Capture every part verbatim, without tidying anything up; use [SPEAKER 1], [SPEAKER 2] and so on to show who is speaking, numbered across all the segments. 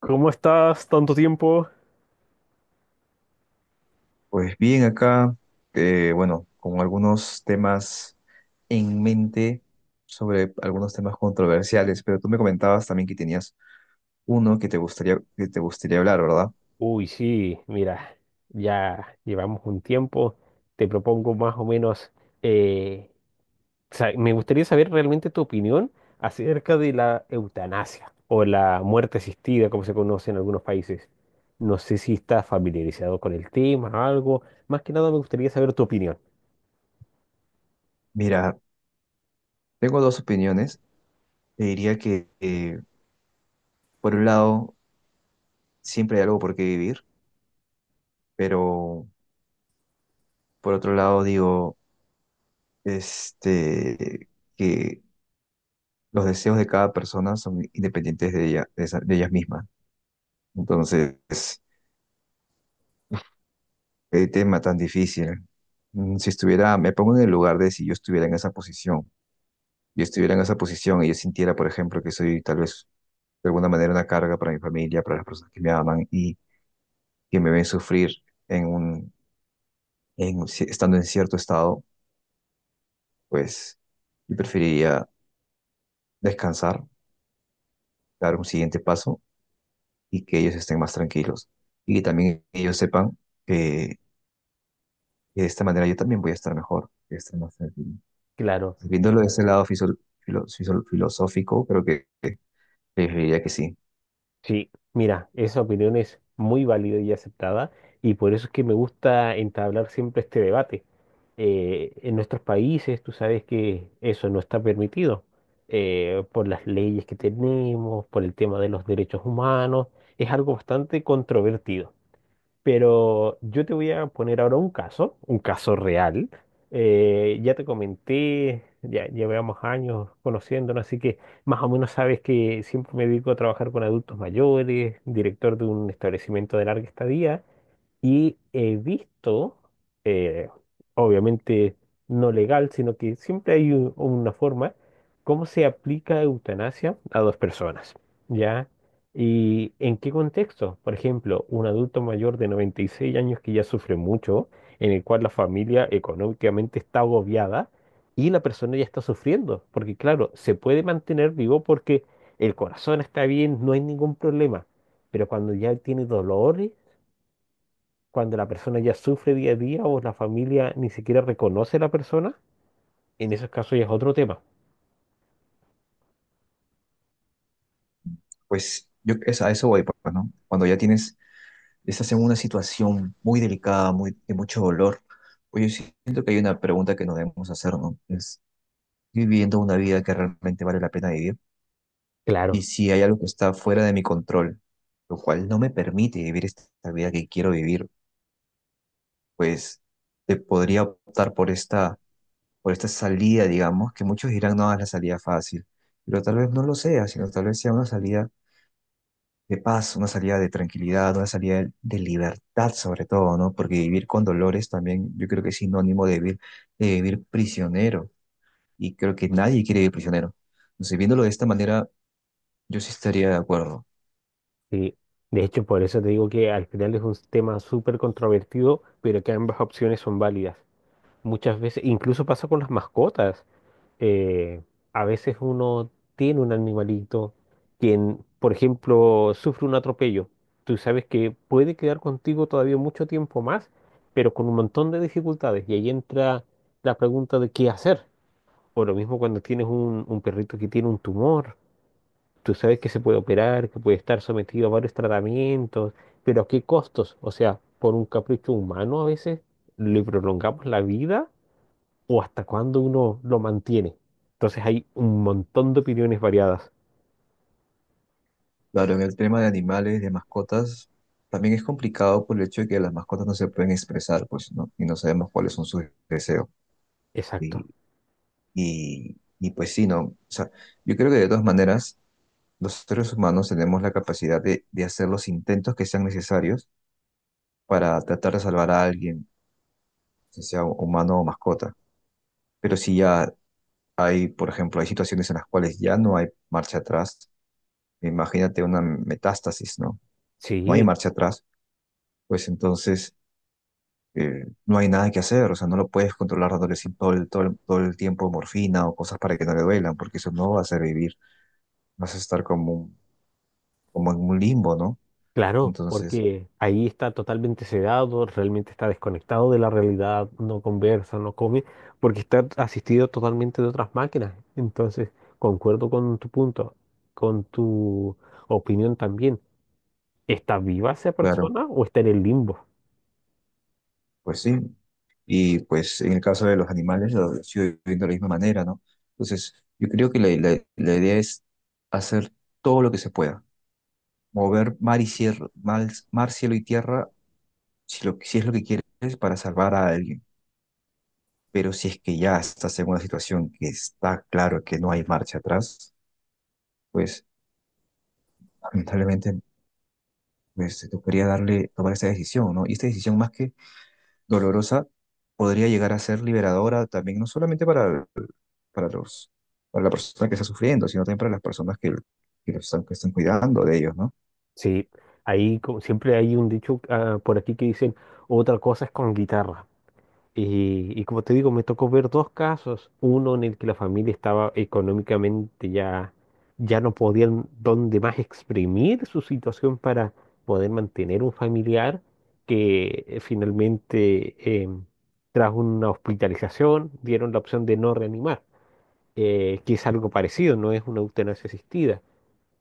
[SPEAKER 1] ¿Cómo estás? Tanto tiempo.
[SPEAKER 2] Pues bien, acá, eh, bueno, con algunos temas en mente sobre algunos temas controversiales, pero tú me comentabas también que tenías uno que te gustaría, que te gustaría hablar, ¿verdad?
[SPEAKER 1] Uy, sí, mira, ya llevamos un tiempo. Te propongo más o menos, eh, sa- me gustaría saber realmente tu opinión acerca de la eutanasia o la muerte asistida, como se conoce en algunos países. No sé si estás familiarizado con el tema, algo. Más que nada me gustaría saber tu opinión.
[SPEAKER 2] Mira, tengo dos opiniones. Te diría que, eh, por un lado, siempre hay algo por qué vivir, pero por otro lado, digo, este, que los deseos de cada persona son independientes de ella, de esa- de ellas mismas. Entonces, qué tema tan difícil. Mm, Si estuviera, me pongo en el lugar de, si yo estuviera en esa posición, yo estuviera en esa posición y yo sintiera, por ejemplo, que soy tal vez de alguna manera una carga para mi familia, para las personas que me aman y que me ven sufrir en un, en, un ci- estando en cierto estado, pues yo preferiría descansar, dar un siguiente paso y que ellos estén más tranquilos y que también ellos sepan que de esta manera yo también voy a estar mejor, voy a estar más tranquilo.
[SPEAKER 1] Claro.
[SPEAKER 2] Viéndolo de ese lado fiso- filo- fiso- filosófico, creo que, que que diría que sí.
[SPEAKER 1] Sí, mira, esa opinión es muy válida y aceptada y por eso es que me gusta entablar siempre este debate. Eh, en nuestros países tú sabes que eso no está permitido eh, por las leyes que tenemos, por el tema de los derechos humanos, es algo bastante controvertido. Pero yo te voy a poner ahora un caso, un caso real. Eh, ya te comenté, ya llevamos años conociéndonos, así que más o menos sabes que siempre me dedico a trabajar con adultos mayores, director de un establecimiento de larga estadía. Y he visto, eh, obviamente no legal, sino que siempre hay u- una forma, cómo se aplica eutanasia a dos personas, ¿ya? ¿Y en qué contexto? Por ejemplo, un adulto mayor de noventa y seis años que ya sufre mucho, en el cual la familia económicamente está agobiada y la persona ya está sufriendo, porque claro, se puede mantener vivo porque el corazón está bien, no hay ningún problema, pero cuando ya tiene dolores, cuando la persona ya sufre día a día o la familia ni siquiera reconoce a la persona, en esos casos ya es otro tema.
[SPEAKER 2] Pues yo es- a eso voy, pues, ¿no? Cuando ya tienes, estás en una situación muy delicada, muy, de mucho dolor, pues yo siento que hay una pregunta que nos debemos hacer, ¿no? Es, ¿estoy viviendo una vida que realmente vale la pena vivir? Y
[SPEAKER 1] Claro,
[SPEAKER 2] si hay algo que está fuera de mi control, lo cual no me permite vivir esta vida que quiero vivir, pues te podría optar por esta por esta salida, digamos, que muchos dirán, no, es la salida fácil, pero tal vez no lo sea, sino tal vez sea una salida de paz, una salida de tranquilidad, una salida de, de libertad sobre todo, ¿no? Porque vivir con dolores también yo creo que es sinónimo de vivir, de vivir prisionero, y creo que nadie quiere vivir prisionero. Entonces, viéndolo de esta manera, yo sí estaría de acuerdo.
[SPEAKER 1] sí. De hecho, por eso te digo que al final es un tema súper controvertido, pero que ambas opciones son válidas. Muchas veces, incluso pasa con las mascotas. eh, a veces uno tiene un animalito quien, por ejemplo, sufre un atropello. Tú sabes que puede quedar contigo todavía mucho tiempo más, pero con un montón de dificultades. Y ahí entra la pregunta de qué hacer. O lo mismo cuando tienes un, un perrito que tiene un tumor. Tú sabes que se puede operar, que puede estar sometido a varios tratamientos, pero ¿a qué costos? O sea, por un capricho humano a veces le prolongamos la vida o hasta cuándo uno lo mantiene. Entonces hay un montón de opiniones variadas.
[SPEAKER 2] Claro, en el tema de animales, de mascotas, también es complicado por el hecho de que las mascotas no se pueden expresar, pues, ¿no? Y no sabemos cuáles son sus deseos.
[SPEAKER 1] Exacto.
[SPEAKER 2] Y, y pues sí, ¿no? O sea, yo creo que de todas maneras, los seres humanos tenemos la capacidad de, de hacer los intentos que sean necesarios para tratar de salvar a alguien, que sea humano o mascota. Pero si ya hay, por ejemplo, hay situaciones en las cuales ya no hay marcha atrás, imagínate una metástasis, ¿no? No hay
[SPEAKER 1] Sí.
[SPEAKER 2] marcha atrás, pues entonces, eh, no hay nada que hacer, o sea, no lo puedes controlar dándole sin- todo el, todo el, todo el tiempo morfina o cosas para que no le duelan, porque eso no va a hacer vivir, vas a estar como un como en un limbo, ¿no?
[SPEAKER 1] Claro,
[SPEAKER 2] Entonces,
[SPEAKER 1] porque ahí está totalmente sedado, realmente está desconectado de la realidad, no conversa, no come, porque está asistido totalmente de otras máquinas. Entonces, concuerdo con tu punto, con tu opinión también. ¿Está viva esa
[SPEAKER 2] claro,
[SPEAKER 1] persona o está en el limbo?
[SPEAKER 2] pues sí. Y pues en el caso de los animales lo sigo viendo de la misma manera, ¿no? Entonces, yo creo que la, la- la idea es hacer todo lo que se pueda, mover mar y cielo, mar, mar, cielo y tierra, si, lo, si es lo que quieres, para salvar a alguien. Pero si es que ya estás en una situación que está claro que no hay marcha atrás, pues lamentablemente pues, te tocaría darle, tomar esa decisión, ¿no? Y esta decisión más que dolorosa podría llegar a ser liberadora también, no solamente para, para los, para la persona que está sufriendo, sino también para las personas que, que los están, que están cuidando de ellos, ¿no?
[SPEAKER 1] Sí, ahí co- siempre hay un dicho ah, por aquí que dicen, otra cosa es con guitarra. Y, y como te digo, me tocó ver dos casos, uno en el que la familia estaba económicamente ya, ya no podían donde más exprimir su situación para poder mantener un familiar que eh, finalmente eh, tras una hospitalización dieron la opción de no reanimar, eh, que es algo parecido, no es una eutanasia asistida.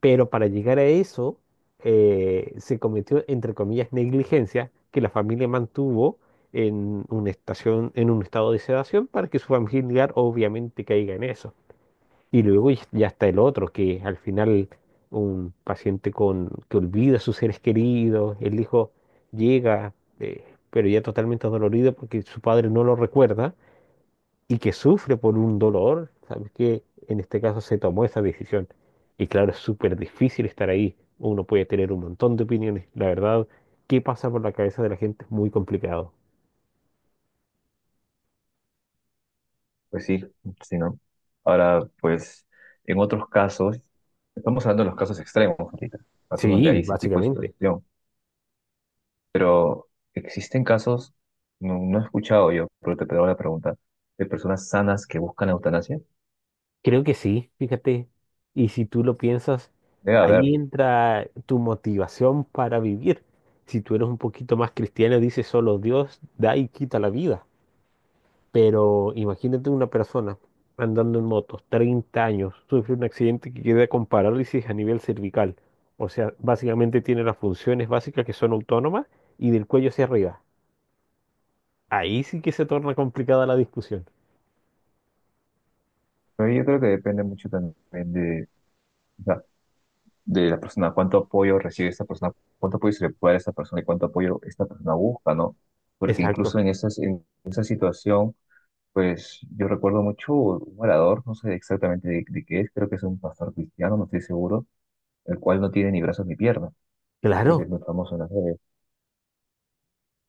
[SPEAKER 1] Pero para llegar a eso, eh, se cometió, entre comillas, negligencia que la familia mantuvo en una estación, en un estado de sedación para que su familiar obviamente caiga en eso. Y luego ya ya está el otro, que al final un paciente con, que olvida a sus seres queridos, el hijo llega, eh, pero ya totalmente dolorido porque su padre no lo recuerda y que sufre por un dolor, ¿sabes qué? En este caso se tomó esa decisión. Y claro, es súper difícil estar ahí. Uno puede tener un montón de opiniones. La verdad, qué pasa por la cabeza de la gente es muy complicado.
[SPEAKER 2] Pues sí, sí, ¿no? Ahora, pues, en otros casos, estamos hablando de los casos extremos ahorita, casos donde hay
[SPEAKER 1] Sí,
[SPEAKER 2] ese tipo de
[SPEAKER 1] básicamente.
[SPEAKER 2] situación, pero existen casos, no, no he escuchado yo, pero te hago la pregunta, de personas sanas que buscan eutanasia.
[SPEAKER 1] Creo que sí, fíjate. Y si tú lo piensas,
[SPEAKER 2] Debe haber,
[SPEAKER 1] ahí entra tu motivación para vivir. Si tú eres un poquito más cristiano, dices solo Dios da y quita la vida. Pero imagínate una persona andando en moto, treinta años, sufre un accidente que queda con parálisis a nivel cervical. O sea, básicamente tiene las funciones básicas que son autónomas y del cuello hacia arriba. Ahí sí que se torna complicada la discusión.
[SPEAKER 2] pero yo creo que depende mucho también de, o sea, de la persona, cuánto apoyo recibe esta persona, cuánto apoyo se le puede dar a esta persona y cuánto apoyo esta persona busca, ¿no? Porque
[SPEAKER 1] Exacto,
[SPEAKER 2] incluso en esas, en esa situación, pues yo recuerdo mucho un orador, no sé exactamente de, de qué es, creo que es un pastor cristiano, no estoy seguro, el cual no tiene ni brazos ni piernas, creo que
[SPEAKER 1] claro.
[SPEAKER 2] es muy famoso en las redes,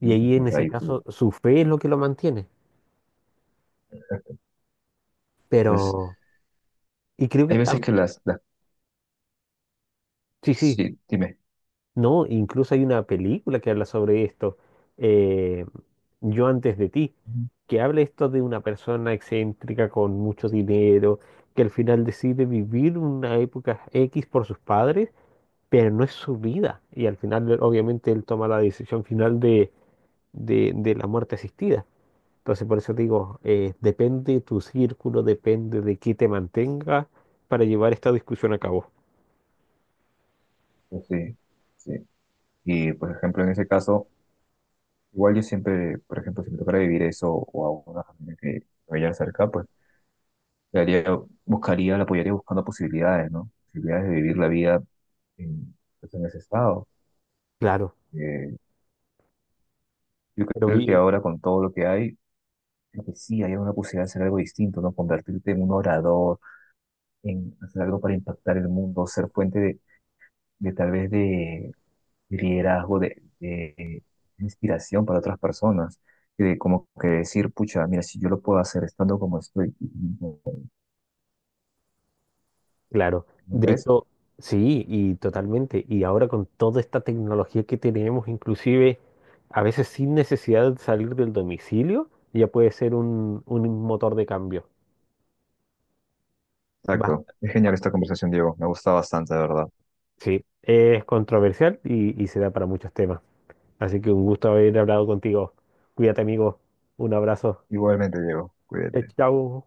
[SPEAKER 2] ¿no?
[SPEAKER 1] Y ahí en
[SPEAKER 2] Entonces
[SPEAKER 1] ese
[SPEAKER 2] ahí pues,
[SPEAKER 1] caso su fe es lo que lo mantiene. Pero,
[SPEAKER 2] entonces,
[SPEAKER 1] y creo que
[SPEAKER 2] hay
[SPEAKER 1] está,
[SPEAKER 2] veces que las, las,
[SPEAKER 1] sí, sí,
[SPEAKER 2] sí, dime.
[SPEAKER 1] no, incluso hay una película que habla sobre esto, eh, Yo antes de ti, que habla esto de una persona excéntrica con mucho dinero, que al final decide vivir una época X por sus padres, pero no es su vida. Y al final, él- obviamente, él toma la decisión final de, de, de la muerte asistida. Entonces, por eso digo, eh, depende tu círculo, depende de qué te mantenga para llevar esta discusión a cabo.
[SPEAKER 2] Ujú. Sí, sí, y por ejemplo en ese caso, igual yo siempre, por ejemplo, si me tocara vivir eso o a una familia que me vaya cerca, pues le haría- buscaría, la apoyaría buscando posibilidades, ¿no? Posibilidades de vivir la vida en, pues, en ese estado.
[SPEAKER 1] Claro,
[SPEAKER 2] Eh, yo
[SPEAKER 1] pero
[SPEAKER 2] creo que
[SPEAKER 1] bien.
[SPEAKER 2] ahora con todo lo que hay, creo que sí hay una posibilidad de hacer algo distinto, ¿no? Convertirte en un orador, en hacer algo para impactar el mundo, ser fuente de, de tal vez de, de liderazgo, de, de inspiración para otras personas. Y de como que decir, pucha, mira, si yo lo puedo hacer estando como estoy,
[SPEAKER 1] Claro,
[SPEAKER 2] ¿no
[SPEAKER 1] de
[SPEAKER 2] ves?
[SPEAKER 1] hecho, sí, y totalmente. Y ahora con toda esta tecnología que tenemos, inclusive a veces sin necesidad de salir del domicilio, ya puede ser un, un motor de cambio.
[SPEAKER 2] Exacto.
[SPEAKER 1] Bas-
[SPEAKER 2] Es genial esta conversación, Diego. Me gusta bastante, de verdad.
[SPEAKER 1] Sí, es controversial y, y se da para muchos temas. Así que un gusto haber hablado contigo. Cuídate, amigo. Un abrazo.
[SPEAKER 2] Igualmente, Diego,
[SPEAKER 1] Eh,
[SPEAKER 2] cuídate.
[SPEAKER 1] Chao.